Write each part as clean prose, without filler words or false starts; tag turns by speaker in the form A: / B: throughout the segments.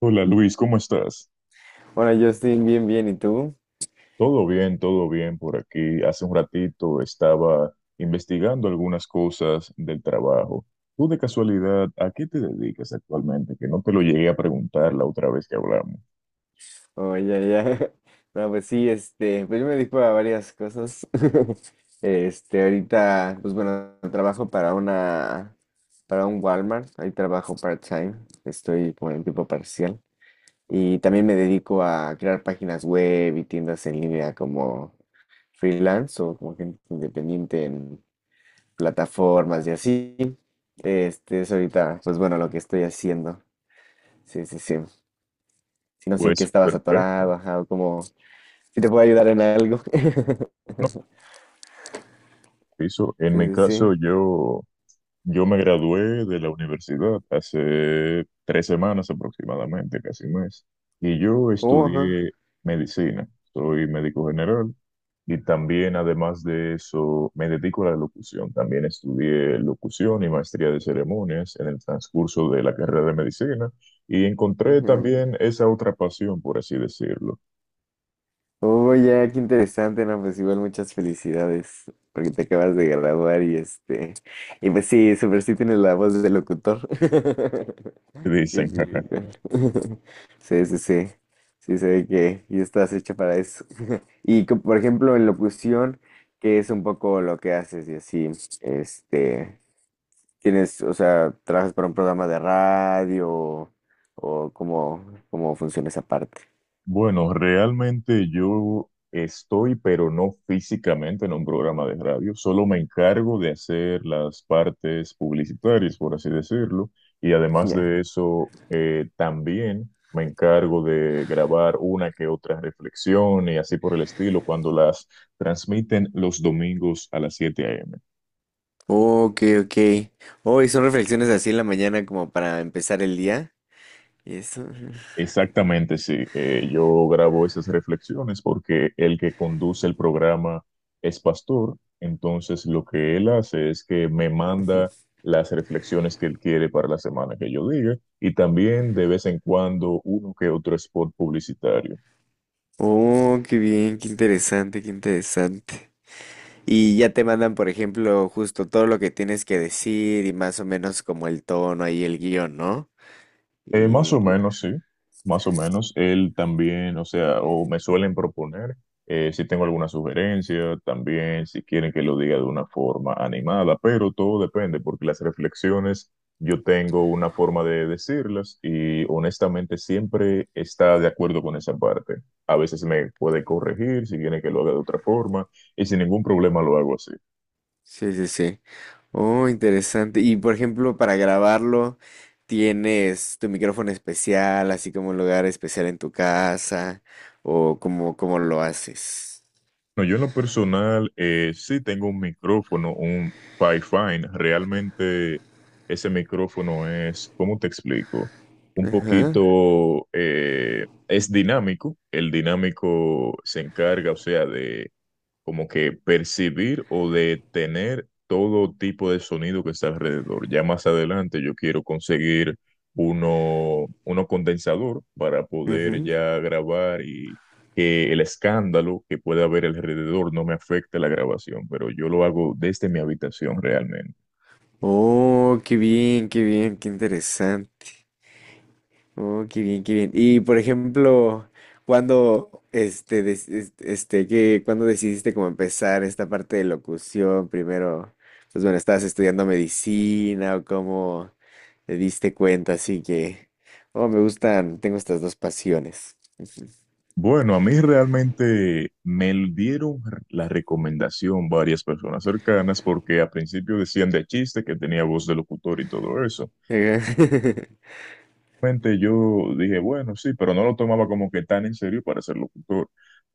A: Hola Luis, ¿cómo estás?
B: Hola Justin, bien, bien, ¿y tú?
A: Todo bien por aquí. Hace un ratito estaba investigando algunas cosas del trabajo. ¿Tú de casualidad a qué te dedicas actualmente? Que no te lo llegué a preguntar la otra vez que hablamos.
B: Oye, ya, ya. No, pues sí, pues yo me dedico a varias cosas. Ahorita, pues bueno, trabajo para un Walmart, ahí trabajo part-time, estoy como en tiempo parcial. Y también me dedico a crear páginas web y tiendas en línea como freelance o como gente independiente en plataformas y así. Este es ahorita, pues bueno, lo que estoy haciendo. Sí, sí, sí. Si no sé en qué
A: Pues
B: estabas
A: perfecto.
B: atorado, ajá, o como si te puedo ayudar en algo.
A: No, eso, en
B: Sí,
A: mi
B: sí,
A: caso
B: sí.
A: yo me gradué de la universidad hace 3 semanas aproximadamente, casi un mes, y yo
B: Oh, ajá.
A: estudié medicina, soy médico general y también además de eso me dedico a la locución, también estudié locución y maestría de ceremonias en el transcurso de la carrera de medicina y encontré
B: Ajá.
A: también esa otra pasión, por así decirlo,
B: Oh, ya, qué interesante, no, pues igual muchas felicidades, porque te acabas de graduar y y pues sí, super sí tienes la voz de locutor.
A: que
B: Qué
A: dicen.
B: cool. Sí, sí, sí. Sí, se ve que ya estás hecha para eso. Y por ejemplo, en locución, que es un poco lo que haces y así, este, tienes, o sea, ¿trabajas para un programa de radio o cómo, cómo funciona esa parte?
A: Bueno, realmente yo estoy, pero no físicamente en un programa de radio, solo me encargo de hacer las partes publicitarias, por así decirlo, y además
B: Ya.
A: de eso, también me encargo de grabar una que otra reflexión y así por el estilo cuando las transmiten los domingos a las 7 a.m.
B: Ok, ok. Oh, ¿y son reflexiones así en la mañana como para empezar el día? ¿Y eso?
A: Exactamente, sí. Yo grabo esas reflexiones porque el que conduce el programa es pastor, entonces lo que él hace es que me manda las reflexiones que él quiere para la semana que yo diga y también de vez en cuando uno que otro spot publicitario.
B: Oh, qué bien, qué interesante, qué interesante. Y ya te mandan, por ejemplo, justo todo lo que tienes que decir y más o menos como el tono ahí, el guión, ¿no?
A: Más
B: Y
A: o menos, sí, más o menos. Él también, o sea, o me suelen proponer, si tengo alguna sugerencia, también si quieren que lo diga de una forma animada, pero todo depende, porque las reflexiones yo tengo una forma de decirlas y honestamente siempre está de acuerdo con esa parte. A veces me puede corregir si quiere que lo haga de otra forma y sin ningún problema lo hago así.
B: sí, sí, sí. Oh, interesante. Y por ejemplo, para grabarlo, ¿tienes tu micrófono especial, así como un lugar especial en tu casa? ¿O cómo, cómo lo haces?
A: No, yo en lo personal sí tengo un micrófono, un Pyfine. Realmente ese micrófono es, ¿cómo te explico? Un
B: Ajá.
A: poquito, es dinámico. El dinámico se encarga, o sea, de como que percibir o detener todo tipo de sonido que está alrededor. Ya más adelante yo quiero conseguir uno condensador para poder
B: Ujú.
A: ya grabar y que el escándalo que pueda haber alrededor no me afecte la grabación, pero yo lo hago desde mi habitación realmente.
B: Oh, qué bien, qué bien, qué interesante. Oh, qué bien, qué bien. Y por ejemplo, cuando cuando decidiste como empezar esta parte de locución? Primero, pues bueno, ¿estabas estudiando medicina o cómo? Te diste cuenta, así que... Oh, me gustan, tengo estas dos pasiones.
A: Bueno, a mí realmente me dieron la recomendación varias personas cercanas porque al principio decían de chiste que tenía voz de locutor y todo eso.
B: Ajá.
A: Realmente yo dije, bueno, sí, pero no lo tomaba como que tan en serio para ser locutor.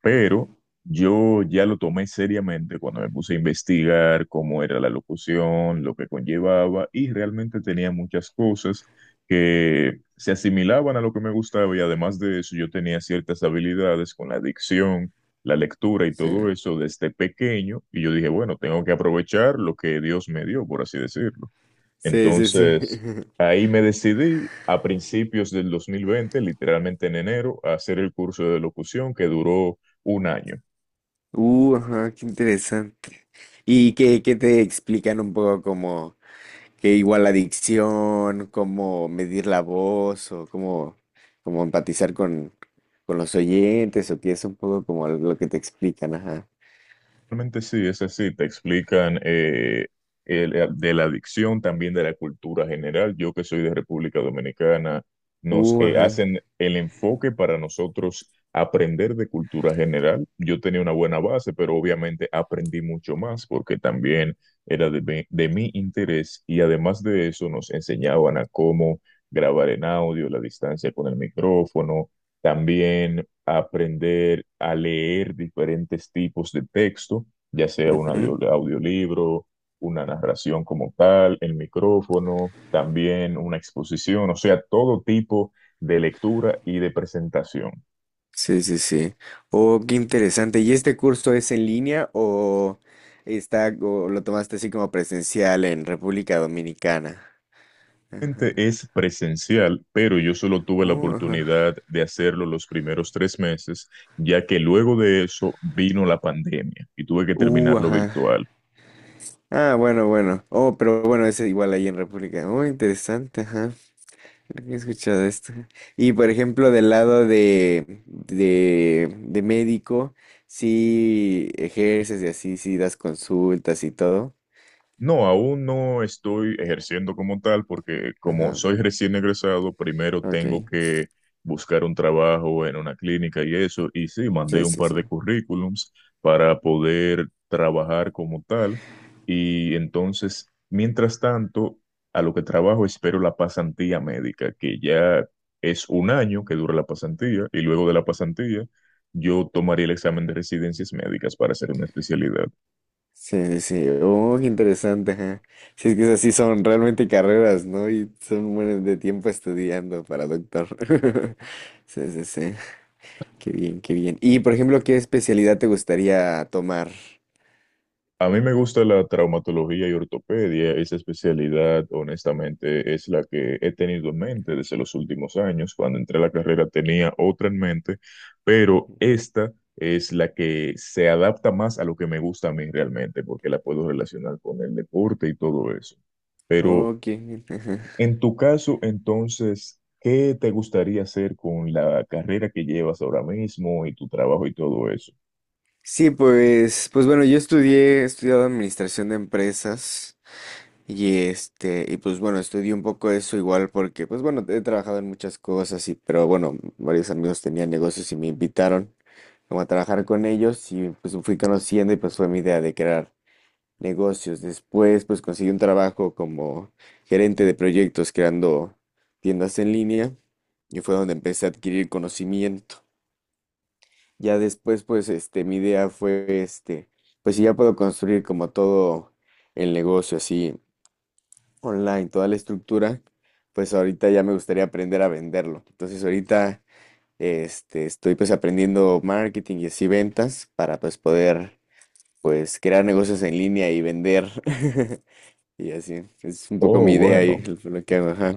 A: Pero yo ya lo tomé seriamente cuando me puse a investigar cómo era la locución, lo que conllevaba, y realmente tenía muchas cosas que se asimilaban a lo que me gustaba y además de eso yo tenía ciertas habilidades con la dicción, la lectura y
B: Sí,
A: todo eso desde pequeño, y yo dije, bueno, tengo que aprovechar lo que Dios me dio, por así decirlo.
B: sí, sí. Sí.
A: Entonces, ahí me decidí a principios del 2020, literalmente en enero, a hacer el curso de locución que duró 1 año.
B: Ajá, qué interesante. ¿Y qué te explican un poco como que igual la adicción, cómo medir la voz o cómo empatizar con los oyentes o qué es un poco como lo que te explican, ajá.
A: Realmente sí, es así, te explican de la adicción, también de la cultura general. Yo que soy de República Dominicana, nos
B: Uh,
A: hacen el enfoque para nosotros aprender de cultura general. Yo tenía una buena base, pero obviamente aprendí mucho más porque también era de mi interés y además de eso nos enseñaban a cómo grabar en audio, la distancia con el micrófono. También aprender a leer diferentes tipos de texto, ya sea un
B: ajá.
A: audiolibro, una narración como tal, el micrófono, también una exposición, o sea, todo tipo de lectura y de presentación.
B: Sí, sí, sí. Oh, qué interesante. ¿Y este curso es en línea o está o lo tomaste así como presencial en República Dominicana?
A: Realmente
B: Ajá.
A: es presencial, pero yo solo tuve la
B: Ajá.
A: oportunidad de hacerlo los primeros 3 meses, ya que luego de eso vino la pandemia y tuve que terminarlo
B: Ajá.
A: virtual.
B: Ah, bueno, bueno. Oh, pero bueno, es igual ahí en República. Oh, interesante, ajá. Creo que he escuchado esto. Y por ejemplo, del lado de médico, sí ejerces y así, ¿sí das consultas y todo?
A: No, aún no estoy ejerciendo como tal porque como
B: Ajá.
A: soy recién egresado, primero
B: Ok.
A: tengo que buscar un trabajo en una clínica y eso. Y sí, mandé
B: Sí,
A: un
B: sí,
A: par
B: sí.
A: de currículums para poder trabajar como tal. Y entonces, mientras tanto, a lo que trabajo espero la pasantía médica, que ya es 1 año que dura la pasantía. Y luego de la pasantía, yo tomaría el examen de residencias médicas para hacer una especialidad.
B: Sí, sí, sí. Oh, qué interesante, ajá. Sí, es que esas sí son realmente carreras, ¿no? Y son buenas de tiempo estudiando para doctor. Sí, sí, sí. Qué bien, qué bien. Y, por ejemplo, ¿qué especialidad te gustaría tomar?
A: A mí me gusta la traumatología y ortopedia. Esa especialidad, honestamente, es la que he tenido en mente desde los últimos años. Cuando entré a la carrera tenía otra en mente, pero
B: Ujú.
A: esta es la que se adapta más a lo que me gusta a mí realmente, porque la puedo relacionar con el deporte y todo eso. Pero
B: Ok. Ajá.
A: en tu caso, entonces, ¿qué te gustaría hacer con la carrera que llevas ahora mismo y tu trabajo y todo eso?
B: Sí, pues, pues bueno, he estudiado administración de empresas y y pues bueno, estudié un poco eso igual porque, pues bueno, he trabajado en muchas cosas y, pero bueno, varios amigos tenían negocios y me invitaron como a trabajar con ellos y pues fui conociendo y pues fue mi idea de crear negocios. Después pues conseguí un trabajo como gerente de proyectos creando tiendas en línea y fue donde empecé a adquirir conocimiento. Ya después pues mi idea fue pues si ya puedo construir como todo el negocio así online, toda la estructura, pues ahorita ya me gustaría aprender a venderlo. Entonces ahorita estoy pues aprendiendo marketing y así ventas para pues poder pues crear negocios en línea y vender. Y así, es un poco mi
A: Oh,
B: idea y
A: bueno.
B: lo que hago, ajá.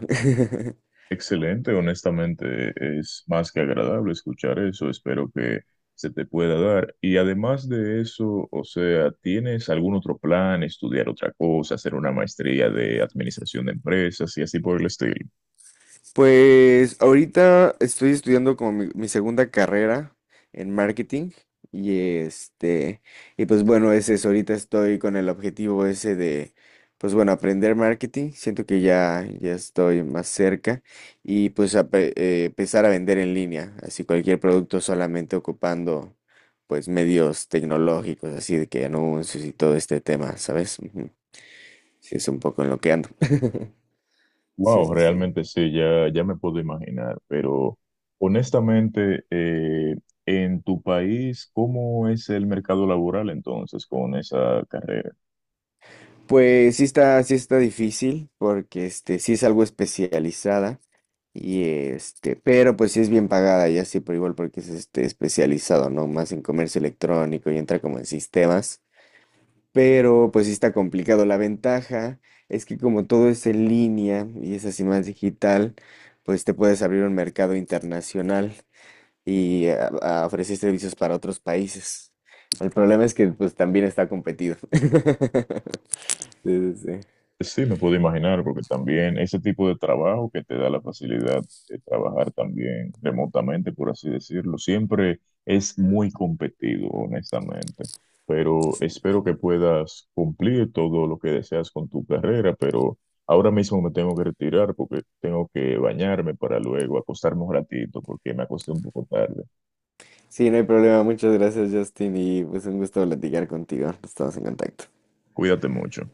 A: Excelente, honestamente es más que agradable escuchar eso, espero que se te pueda dar. Y además de eso, o sea, ¿tienes algún otro plan, estudiar otra cosa, hacer una maestría de administración de empresas y así por el estilo?
B: Pues ahorita estoy estudiando como mi segunda carrera en marketing y y pues bueno, ese es, ahorita estoy con el objetivo ese de, pues bueno, aprender marketing. Siento que ya estoy más cerca y pues empezar a vender en línea, así cualquier producto solamente ocupando pues medios tecnológicos, así de que anuncios y todo este tema, ¿sabes? Ujú. Sí, es un poco en lo que ando. Sí,
A: Wow,
B: sí, sí.
A: realmente sí, ya, ya me puedo imaginar, pero honestamente, en tu país, ¿cómo es el mercado laboral entonces con esa carrera?
B: Pues sí está difícil porque este sí es algo especializada y este, pero pues sí es bien pagada y así pero igual porque es este especializado, ¿no? Más en comercio electrónico y entra como en sistemas, pero pues sí está complicado. La ventaja es que como todo es en línea y es así más digital, pues te puedes abrir un mercado internacional y a ofrecer servicios para otros países. El problema es que pues también está competido. Sí, sí, sí.
A: Sí, me puedo imaginar, porque también ese tipo de trabajo que te da la facilidad de trabajar también remotamente, por así decirlo, siempre es muy competido, honestamente. Pero espero que puedas cumplir todo lo que deseas con tu carrera, pero ahora mismo me tengo que retirar porque tengo que bañarme para luego acostarme un ratito, porque me acosté un poco tarde.
B: Sí, no hay problema. Muchas gracias, Justin, y pues un gusto platicar contigo. Estamos en contacto.
A: Cuídate mucho.